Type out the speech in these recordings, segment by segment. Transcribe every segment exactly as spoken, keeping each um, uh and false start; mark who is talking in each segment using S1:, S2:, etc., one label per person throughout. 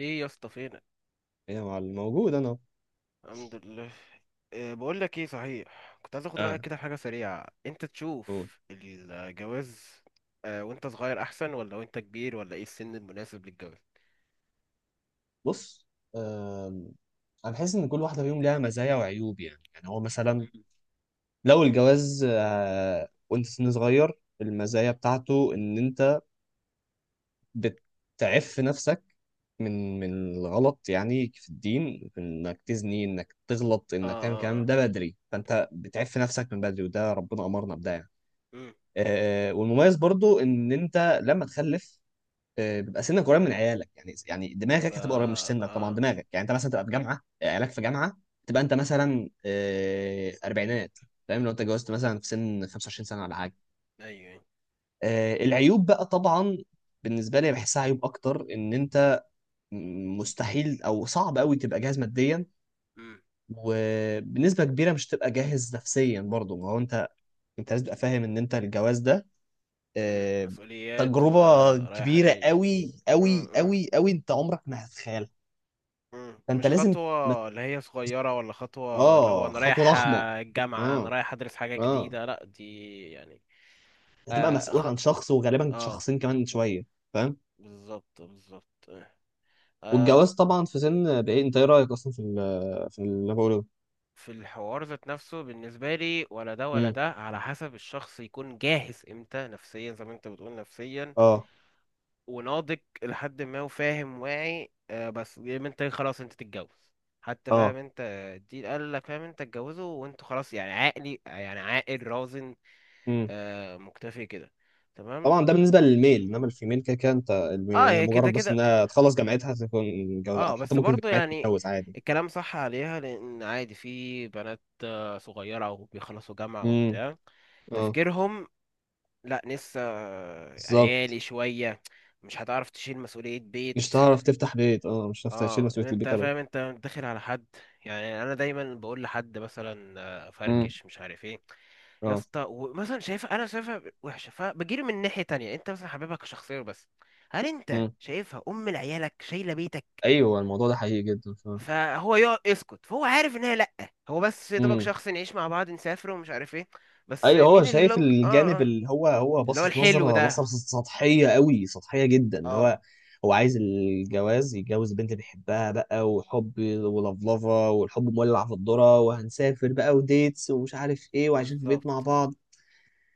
S1: ايه يا اسطى فينك؟
S2: يا معلم موجود انا أهو.
S1: الحمد لله. إيه، بقول لك ايه، صحيح كنت عايز اخد
S2: اه،
S1: رايك كده في حاجه سريعه، انت
S2: قول.
S1: تشوف الجواز آه وانت صغير احسن ولا وانت كبير، ولا ايه السن المناسب للجواز؟
S2: بص، آم، انا بحس ان كل واحده فيهم ليها مزايا وعيوب. يعني يعني هو مثلا
S1: مم.
S2: لو الجواز آه، وانت سن صغير، المزايا بتاعته ان انت بتعف نفسك من من الغلط، يعني في الدين انك تزني انك تغلط
S1: اه
S2: انك تعمل
S1: اه
S2: كلام
S1: اه
S2: ده بدري، فانت بتعف نفسك من بدري وده ربنا امرنا بده يعني.
S1: امم
S2: آه، والمميز برضو ان انت لما تخلف آه، بيبقى سنك قريب من عيالك، يعني يعني
S1: فا،
S2: دماغك هتبقى قريب، مش سنك طبعا
S1: اه.
S2: دماغك، يعني انت مثلا تبقى في جامعه آه، عيالك في جامعه، تبقى انت مثلا آه، اربعينات. فاهم؟ لو انت اتجوزت مثلا في سن خمسة وعشرين سنة سنه ولا حاجه.
S1: ايوه.
S2: آه، العيوب بقى طبعا، بالنسبه لي بحسها عيوب اكتر، ان انت مستحيل او صعب قوي تبقى جاهز ماديا،
S1: امم
S2: وبنسبه كبيره مش تبقى جاهز نفسيا برضه. ما هو انت انت لازم تبقى فاهم ان انت الجواز ده
S1: امم
S2: آه،
S1: مسؤوليات
S2: تجربه
S1: ورايحه
S2: كبيره
S1: جايه.
S2: قوي
S1: امم
S2: قوي
S1: امم
S2: قوي قوي، انت عمرك ما هتتخيلها.
S1: أمم.
S2: فانت
S1: مش
S2: لازم مس...
S1: خطوه اللي هي صغيره، ولا خطوه اللي هو
S2: اه،
S1: انا
S2: خطوه
S1: رايح
S2: ضخمه.
S1: الجامعه انا
S2: اه،
S1: رايح ادرس حاجه
S2: اه،
S1: جديده. لا، دي يعني
S2: هتبقى
S1: اه
S2: مسؤول
S1: خ...
S2: عن شخص، وغالبا
S1: اه.
S2: شخصين كمان شويه، فاهم.
S1: بالظبط بالظبط. آه.
S2: والجواز طبعا في سن بايه، انت ايه رايك اصلا في ال- في اللي انا بقوله ده؟
S1: في الحوار ذات نفسه بالنسبة لي، ولا ده ولا
S2: امم،
S1: ده، على حسب الشخص يكون جاهز امتى نفسيا، زي ما انت بتقول نفسيا
S2: اه،
S1: وناضج لحد ما وفاهم واعي. آه، بس يا اما انت خلاص انت تتجوز، حتى
S2: اه،
S1: فاهم انت الدين قال لك، فاهم انت اتجوزه وانتوا خلاص، يعني عاقلي، يعني عاقل رازن،
S2: امم.
S1: آه مكتفي كده. تمام.
S2: طبعا ده بالنسبه للميل، انما الفيميل كده كده انت الم-
S1: اه،
S2: هي
S1: هي كده
S2: مجرد بس
S1: كده.
S2: انها تخلص جامعتها تكون متجوزه، او
S1: اه
S2: حتى
S1: بس
S2: ممكن
S1: برضه
S2: جامعتها
S1: يعني
S2: تتجوز عادي.
S1: الكلام صح عليها، لان عادي، في بنات صغيرة وبيخلصوا جامعة
S2: امم،
S1: وبتاع،
S2: اه،
S1: تفكيرهم لا لسه
S2: بالظبط،
S1: عيالي شوية، مش هتعرف تشيل مسؤولية بيت.
S2: مش هتعرف تفتح بيت، اه مش هتعرف تشيل
S1: اه،
S2: مسؤوليه
S1: انت
S2: البيت ابدا.
S1: فاهم انت داخل على حد. يعني انا دايما بقول لحد مثلا آه،
S2: امم،
S1: فركش مش عارف ايه، يا
S2: اه،
S1: اسطى، ومثلا شايفها، انا شايفها وحشة، فبجيله من ناحية تانية، انت مثلا حبيبك شخصيا، بس هل انت
S2: امم،
S1: شايفها ام لعيالك شايلة بيتك؟
S2: ايوه الموضوع ده حقيقي جدا، فاهم.
S1: فهو يقعد يسكت، فهو عارف ان هي لا، هو بس يا دوبك شخص نعيش مع بعض، نسافر ومش عارف ايه. بس
S2: ايوه، هو
S1: مين
S2: شايف
S1: اللونج؟ اه
S2: الجانب
S1: آه.
S2: اللي هو هو
S1: اللي هو
S2: باصص
S1: الحلو
S2: نظره، نظره
S1: ده.
S2: سطحيه قوي، سطحيه جدا، اللي
S1: اه
S2: هو هو عايز الجواز، يتجوز البنت اللي بيحبها بقى وحب ولفلفه والحب مولع في الذره، وهنسافر بقى وديتس ومش عارف ايه، وعايشين في بيت مع
S1: بالظبط.
S2: بعض.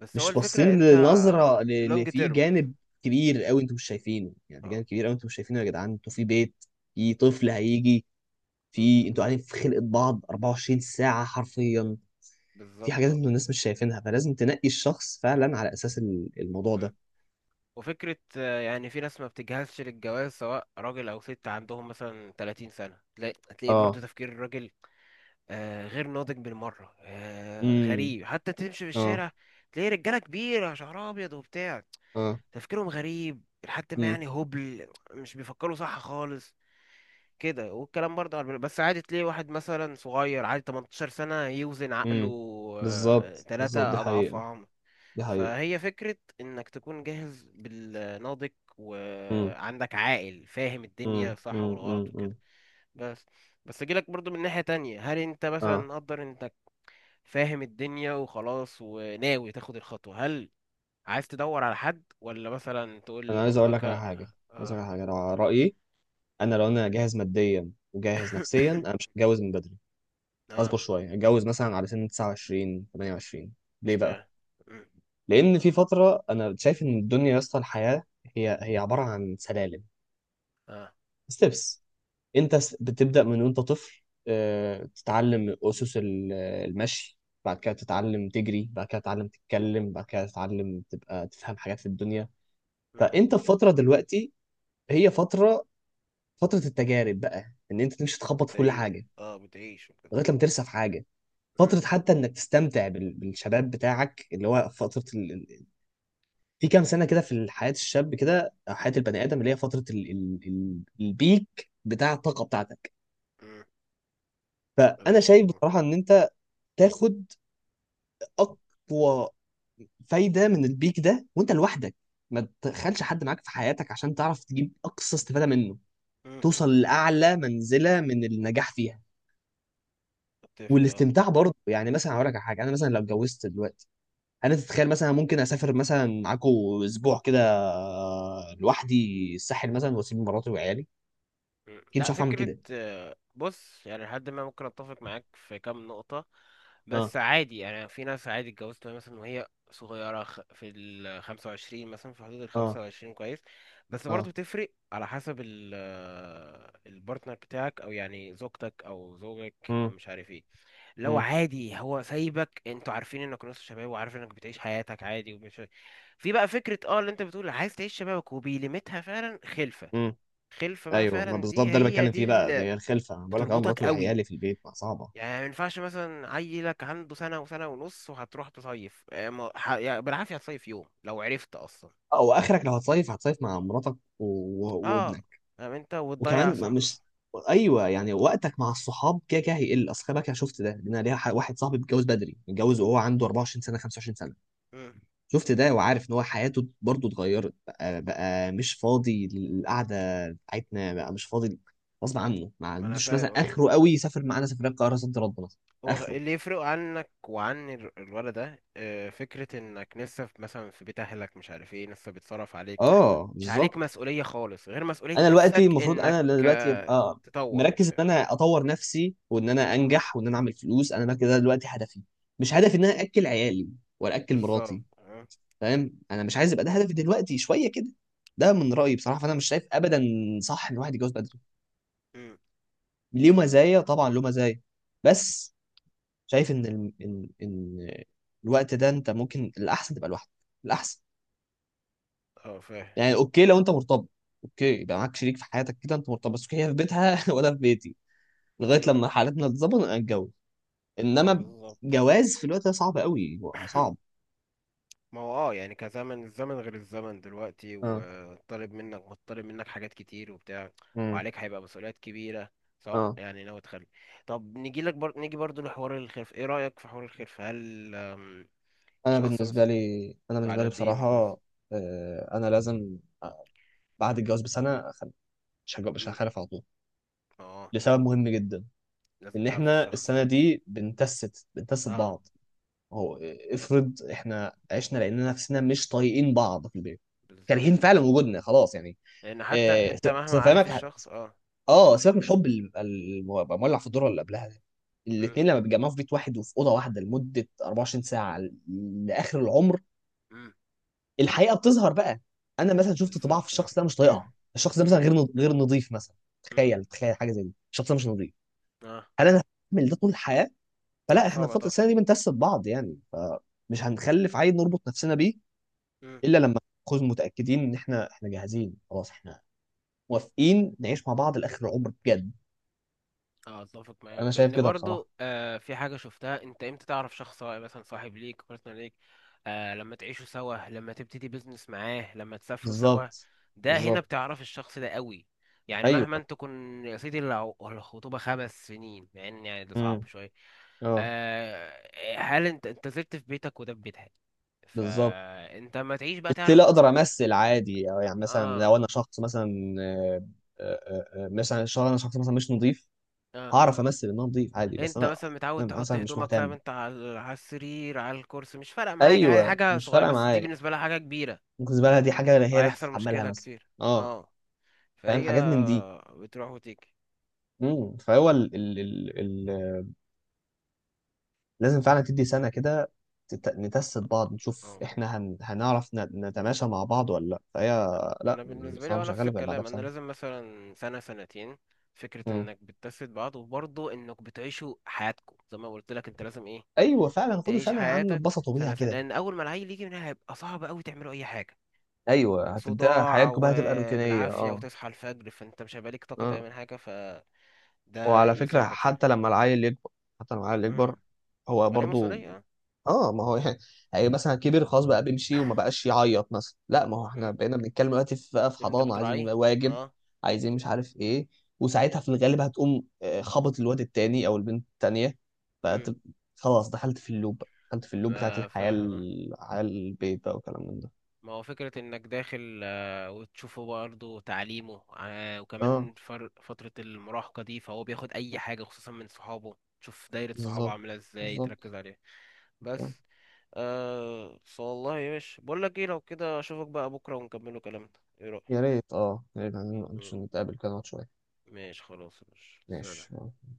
S1: بس هو
S2: مش
S1: الفكرة
S2: باصين
S1: انت
S2: لنظره ل- اللي
S1: اللونج
S2: فيه
S1: تيرم.
S2: جانب كبير قوي انتوا مش شايفينه، يعني في
S1: اه
S2: جانب كبير قوي انتوا مش شايفينه. يا جدعان انتوا في بيت، في طفل هيجي، في
S1: م،
S2: انتوا قاعدين في خلقه بعض اربعة وعشرين ساعة ساعه حرفيا، في
S1: بالظبط.
S2: حاجات
S1: اه
S2: انتوا الناس مش شايفينها، فلازم تنقي الشخص فعلا على اساس ال- الموضوع
S1: م.
S2: ده.
S1: وفكرة آه، يعني في ناس ما بتجهزش للجواز، سواء راجل أو ست، عندهم مثلا ثلاثين سنة، تلاقي هتلاقي برضه
S2: اه،
S1: تفكير الراجل آه، غير ناضج بالمرة. آه،
S2: امم،
S1: غريب، حتى تمشي في
S2: اه،
S1: الشارع تلاقي رجالة كبيرة شعرها أبيض وبتاع،
S2: اه،
S1: تفكيرهم غريب لحد ما
S2: امم،
S1: يعني هبل، مش بيفكروا صح خالص كده. والكلام برضه على البنات، بس عادي تلاقي واحد مثلا صغير عادي تمنتاشر سنة يوزن عقله
S2: امم،
S1: آه،
S2: بالظبط بالظبط، دي
S1: تلاتة أضعاف
S2: حقيقة،
S1: عمر.
S2: دي حقيقة.
S1: فهي فكرة إنك تكون جاهز بالناضج،
S2: امم،
S1: وعندك عاقل فاهم
S2: امم،
S1: الدنيا صح
S2: امم، امم،
S1: والغلط
S2: أمم.
S1: وكده. بس بس أجيلك برضه من ناحية تانية، هل أنت مثلا
S2: اه،
S1: مقدر إنك فاهم الدنيا وخلاص وناوي تاخد الخطوة؟ هل عايز تدور على حد، ولا مثلا تقول
S2: انا عايز اقول
S1: لمامتك؟
S2: لك على حاجة، عايز
S1: آه.
S2: اقول لك على حاجة، لو على رأيي انا، لو انا جاهز ماديا وجاهز نفسيا، انا مش هتجوز من بدري، اصبر
S1: آه.
S2: شوية اتجوز مثلا على سن تسعة وعشرين تمنية وعشرين. ليه بقى؟
S1: اشمعنى؟ مم،
S2: لان في فترة انا شايف ان الدنيا يا اسطى، الحياة هي هي عبارة عن سلالم،
S1: آه.
S2: ستيبس. انت س- بتبدأ من وانت طفل، آه، تتعلم اسس ال- المشي، بعد كده تتعلم تجري، بعد كده تتعلم تتكلم، بعد كده تتعلم تبقى تفهم حاجات في الدنيا. فانت في فترة دلوقتي، هي فترة فترة التجارب بقى، ان انت تمشي تخبط في كل
S1: بتعيش،
S2: حاجة
S1: اه بتعيش وكده.
S2: لغاية لما ترسى في حاجة.
S1: مم.
S2: فترة حتى انك تستمتع بال- بالشباب بتاعك، اللي هو فترة ال... ال- في كام سنة كده في حياة الشاب كده، أو حياة البني آدم، اللي هي فترة ال... ال... ال- البيك بتاع الطاقة بتاعتك.
S1: مم.
S2: فأنا
S1: بلاش.
S2: شايف بصراحة إن أنت تاخد اقوى فايده من البيك ده وانت لوحدك، ما تدخلش حد معاك في حياتك، عشان تعرف تجيب اقصى استفاده منه،
S1: مم.
S2: توصل لاعلى منزله من النجاح فيها
S1: اتفق اه.
S2: والاستمتاع برضه. يعني مثلا هقول لك على حاجه، انا مثلا لو اتجوزت دلوقتي، انا تتخيل مثلا ممكن اسافر مثلا معاكو اسبوع كده آه، لوحدي الساحل مثلا، واسيب مراتي وعيالي؟
S1: مم.
S2: اكيد مش
S1: لا
S2: هعرف اعمل
S1: فكرة،
S2: كده.
S1: آه، بص يعني لحد ما ممكن اتفق معاك في كام نقطة،
S2: اه،
S1: بس عادي يعني في ناس عادي اتجوزت وهي مثلا وهي صغيرة خ- في ال خمسة وعشرين مثلا، في حدود ال
S2: اه،
S1: خمسة وعشرين كويس. بس برضه
S2: اه،
S1: بتفرق على حسب ال آه، البارتنر بتاعك، او يعني زوجتك او زوجك او
S2: امم،
S1: مش عارف ايه. لو
S2: امم،
S1: عادي هو سايبك، انتوا عارفين انك نص شباب وعارف انك بتعيش حياتك عادي ومش في بقى فكرة اه اللي انت بتقول عايز تعيش شبابك وبيلمتها فعلا خلفة.
S2: امم،
S1: خلفة بقى
S2: ايوه ما
S1: فعلا،
S2: بالظبط
S1: دي
S2: ده اللي
S1: هي
S2: بتكلم
S1: دي
S2: فيه بقى،
S1: اللي
S2: هي الخلفه. انا بقول لك اه،
S1: بتربطك
S2: مراتي
S1: قوي.
S2: وعيالي في البيت ما صعبه،
S1: يعني ما ينفعش مثلا عيلك عنده سنة وسنة ونص وهتروح تصيف، اه، ما- ح- يعني بالعافية هتصيف يوم لو عرفت اصلا.
S2: او اخرك لو هتصيف هتصيف مع مراتك و... و...
S1: اه،
S2: وابنك.
S1: فاهم انت وتضيع
S2: وكمان ما-
S1: صح.
S2: مش، ايوه يعني وقتك مع الصحاب كده كده هيقل. اصل خلي بالك انا شفت ده، لان أنا ليا ح- واحد صاحبي متجوز بدري، متجوز وهو عنده اربعة وعشرين سنة سنه خمسة وعشرين سنة سنه.
S1: مم،
S2: شفت ده وعارف ان هو حياته برضه اتغيرت بقى، بقى مش فاضي للقعده بتاعتنا، بقى مش فاضي غصب عنه، ما
S1: ما انا
S2: عندوش مثلا
S1: فاهم.
S2: اخره قوي يسافر معانا سفريه القاهره صد رد مثلا.
S1: هو
S2: اخره،
S1: اللي يفرق عنك وعن ال- الولد ده آه، فكرة انك لسه في مثلا في بيت اهلك، مش عارف ايه، لسه بيتصرف عليك،
S2: اه
S1: مش عليك
S2: بالظبط.
S1: مسؤولية خالص غير مسؤولية
S2: انا دلوقتي
S1: نفسك،
S2: المفروض
S1: انك
S2: انا دلوقتي
S1: آه،
S2: ابقى
S1: تطور
S2: مركز
S1: وبتاع.
S2: ان انا اطور نفسي، وان انا
S1: اه
S2: انجح، وان انا اعمل فلوس. انا ده كده دلوقتي هدفي، مش هدفي ان انا اكل عيالي ولا اكل
S1: بالظبط.
S2: مراتي،
S1: اه
S2: فاهم. انا مش عايز يبقى ده هدفي دلوقتي شويه كده. ده من رايي بصراحه، فانا مش شايف ابدا صح ان الواحد يتجوز بدري،
S1: أمم،
S2: ليه مزايا طبعا له مزايا، بس شايف ان ال... ان ان الوقت ده انت ممكن الاحسن تبقى لوحدك، الاحسن.
S1: آه، فاهم.
S2: يعني اوكي لو انت مرتبط، اوكي يبقى معاك شريك في حياتك كده، انت مرتبط بس اوكي، هي في بيتها وانا في بيتي، لغايه
S1: أمم،
S2: لما حالتنا تتظبط نبقى نتجوز.
S1: ما
S2: انما
S1: بالظبط.
S2: جواز في الوقت ده صعب قوي، صعب.
S1: ما هو اه يعني كزمن، الزمن غير، الزمن دلوقتي
S2: اه،
S1: وطالب منك، مطالب منك حاجات كتير وبتاع،
S2: امم،
S1: وعليك هيبقى مسؤوليات كبيرة، سواء
S2: اه،
S1: يعني ناوي تخلي. طب نيجي لك بر... نيجي برضو لحوار الخلف. ايه رأيك في حوار الخلف؟ هل آم،
S2: انا
S1: شخص
S2: بالنسبه
S1: مثلا
S2: لي انا
S1: بعد
S2: بالنسبه لي
S1: قد ايه من الجواز؟
S2: بصراحه، آه، انا لازم بعد الجواز بسنه أخل... مش هج- مش
S1: مم.
S2: هخالف على طول،
S1: اه.
S2: لسبب مهم جدا،
S1: لازم
S2: ان
S1: تعرف
S2: احنا
S1: الشخص.
S2: السنه دي بنتست بنتست
S1: اه
S2: بعض. هو آه، افرض احنا عشنا لاننا نفسنا مش طايقين بعض في البيت، كارهين
S1: بالظبط اه.
S2: فعلا وجودنا خلاص يعني.
S1: لان حتى
S2: آه،
S1: انت مهما
S2: أصل
S1: عارف
S2: فاهمك.
S1: الشخص اه.
S2: اه، سيبك من الحب اللي بيبقى الم- بيبقى مولع في الدور اللي قبلها ده،
S1: مم.
S2: الاثنين لما بيتجمعوا في بيت واحد وفي اوضه واحده لمده اربعة وعشرين ساعة ساعه ل- لاخر العمر،
S1: مم.
S2: الحقيقه بتظهر بقى. انا مثلا شفت طباع في
S1: بالظبط اه.
S2: الشخص ده مش طايقها، الشخص ده مثلا
S1: مم.
S2: غير نض- غير نظيف مثلا.
S1: مم.
S2: تخيل تخيل حاجه زي دي، الشخص ده مش نظيف،
S1: اه.
S2: هل انا هعمل ده طول الحياه؟
S1: لا
S2: فلا، احنا في فتره
S1: صعبة
S2: السنه دي بنتست بعض يعني، فمش هنخلف عيل نربط نفسنا بيه
S1: طبعا.
S2: الا لما نكون متاكدين ان احنا احنا جاهزين خلاص، احنا موافقين نعيش مع بعض لاخر العمر بجد.
S1: اه اتفق معاك،
S2: انا شايف
S1: لان
S2: كده بصراحه.
S1: برضو آه في حاجه شفتها انت، امتى تعرف شخص، سواء مثلا صاحب ليك، بارتنر ليك؟ آه، لما تعيشوا سوا، لما تبتدي بيزنس معاه، لما تسافروا سوا،
S2: بالظبط،
S1: ده هنا
S2: بالظبط،
S1: بتعرف الشخص ده قوي. يعني
S2: ايوه،
S1: مهما انت تكون يا سيدي الع- الخطوبه خمس سنين، مع ان يعني ده صعب
S2: امم،
S1: شويه،
S2: اه،
S1: آه، هل انت انت زرت في بيتك وده في بيتها؟
S2: بالظبط.
S1: فانت ما تعيش بقى
S2: ستيل
S1: تعرف.
S2: اقدر امثل عادي، أو يعني مثلا
S1: اه
S2: لو انا شخص مثلا آه، آه، آه، مثلا شخص، انا شخص مثلا مش نظيف،
S1: اه
S2: هعرف امثل ان انا نظيف عادي، بس
S1: انت
S2: انا،
S1: مثلا متعود
S2: أنا
S1: تحط
S2: مثلا مش
S1: هدومك، فاهم
S2: مهتم.
S1: انت، على على السرير، على الكرسي، مش فارقه معاك، عادي،
S2: ايوه
S1: حاجه
S2: مش
S1: صغيره،
S2: فارقه
S1: بس دي
S2: معايا،
S1: بالنسبه لها حاجه كبيره،
S2: ممكن الزباله دي حاجه هي اللي
S1: وهيحصل
S2: تتحملها
S1: مشكله
S2: مثلا.
S1: كتير.
S2: اه،
S1: اه،
S2: فاهم،
S1: فهي
S2: حاجات من دي.
S1: بتروح وتيجي.
S2: امم، فهو ال ال ال لازم فعلا تدي سنة كده تت- نتست بعض، نشوف
S1: اه.
S2: احنا هن... هنعرف ن- نتماشى مع بعض ولا لا. فهي لا،
S1: انا
S2: أنا
S1: بالنسبه لي
S2: بصراحة
S1: هو
S2: مش
S1: نفس
S2: هغلب غير بعدها
S1: الكلام، انا
S2: بسنة.
S1: لازم مثلا سنه سنتين، فكره
S2: مم،
S1: انك بتجسد بعض، وبرضه انك بتعيشوا حياتكم. زي ما قلت لك انت لازم ايه
S2: ايوه فعلا خدوا
S1: تعيش
S2: سنة يا عم،
S1: حياتك.
S2: اتبسطوا بيها
S1: سنه سنه
S2: كده.
S1: لان اول ما العيل يجي منها هيبقى صعب قوي تعملوا اي حاجه،
S2: ايوه هتبدأ
S1: صداع
S2: حياتكم بقى، هتبقى روتينية.
S1: وبالعافيه
S2: اه،
S1: وتصحى الفجر، فانت مش هيبقى ليك طاقه
S2: اه،
S1: تعمل حاجه. ف ده
S2: وعلى فكرة
S1: يساعدك شوية.
S2: حتى لما العيل يكبر، حتى لما العيل
S1: مم.
S2: يكبر هو
S1: وعليه
S2: برضو،
S1: مسؤولية اه.
S2: اه ما هو يعني، يعني مثلا كبر خلاص بقى بيمشي وما بقاش يعيط مثلا، لا ما هو احنا
S1: مم.
S2: بقينا بنتكلم دلوقتي في بقى، في
S1: اللي انت
S2: حضانة، عايزين
S1: بتراعيه.
S2: واجب،
S1: اه.
S2: عايزين مش عارف ايه. وساعتها في الغالب هتقوم آه، خبط الواد التاني او البنت التانية، بقت،
S1: مم.
S2: خلاص دخلت في اللوب بقى، دخلت في اللوب بتاعت
S1: آه،
S2: الحياة
S1: فاهم آه.
S2: ال- على البيت بقى، وكلام من ده.
S1: ما هو فكرة انك داخل آه، وتشوفه برضه تعليمه، آه،
S2: اه،
S1: وكمان فر- فترة المراهقة دي فهو بياخد اي حاجة خصوصا من صحابه، تشوف دايرة صحابه
S2: بالظبط
S1: عاملة ازاي،
S2: بالظبط،
S1: تركز عليها.
S2: آه.
S1: بس آه. بس والله يا باشا بقول لك ايه، لو كده اشوفك بقى بكرة ونكملوا كلامنا. ايه
S2: يا
S1: رأيك؟
S2: ريت، اه يا ريت، عايزين
S1: مم.
S2: نتقابل كده نقعد شوية.
S1: ماشي خلاص يا باشا،
S2: ماشي.
S1: سلام.
S2: آه.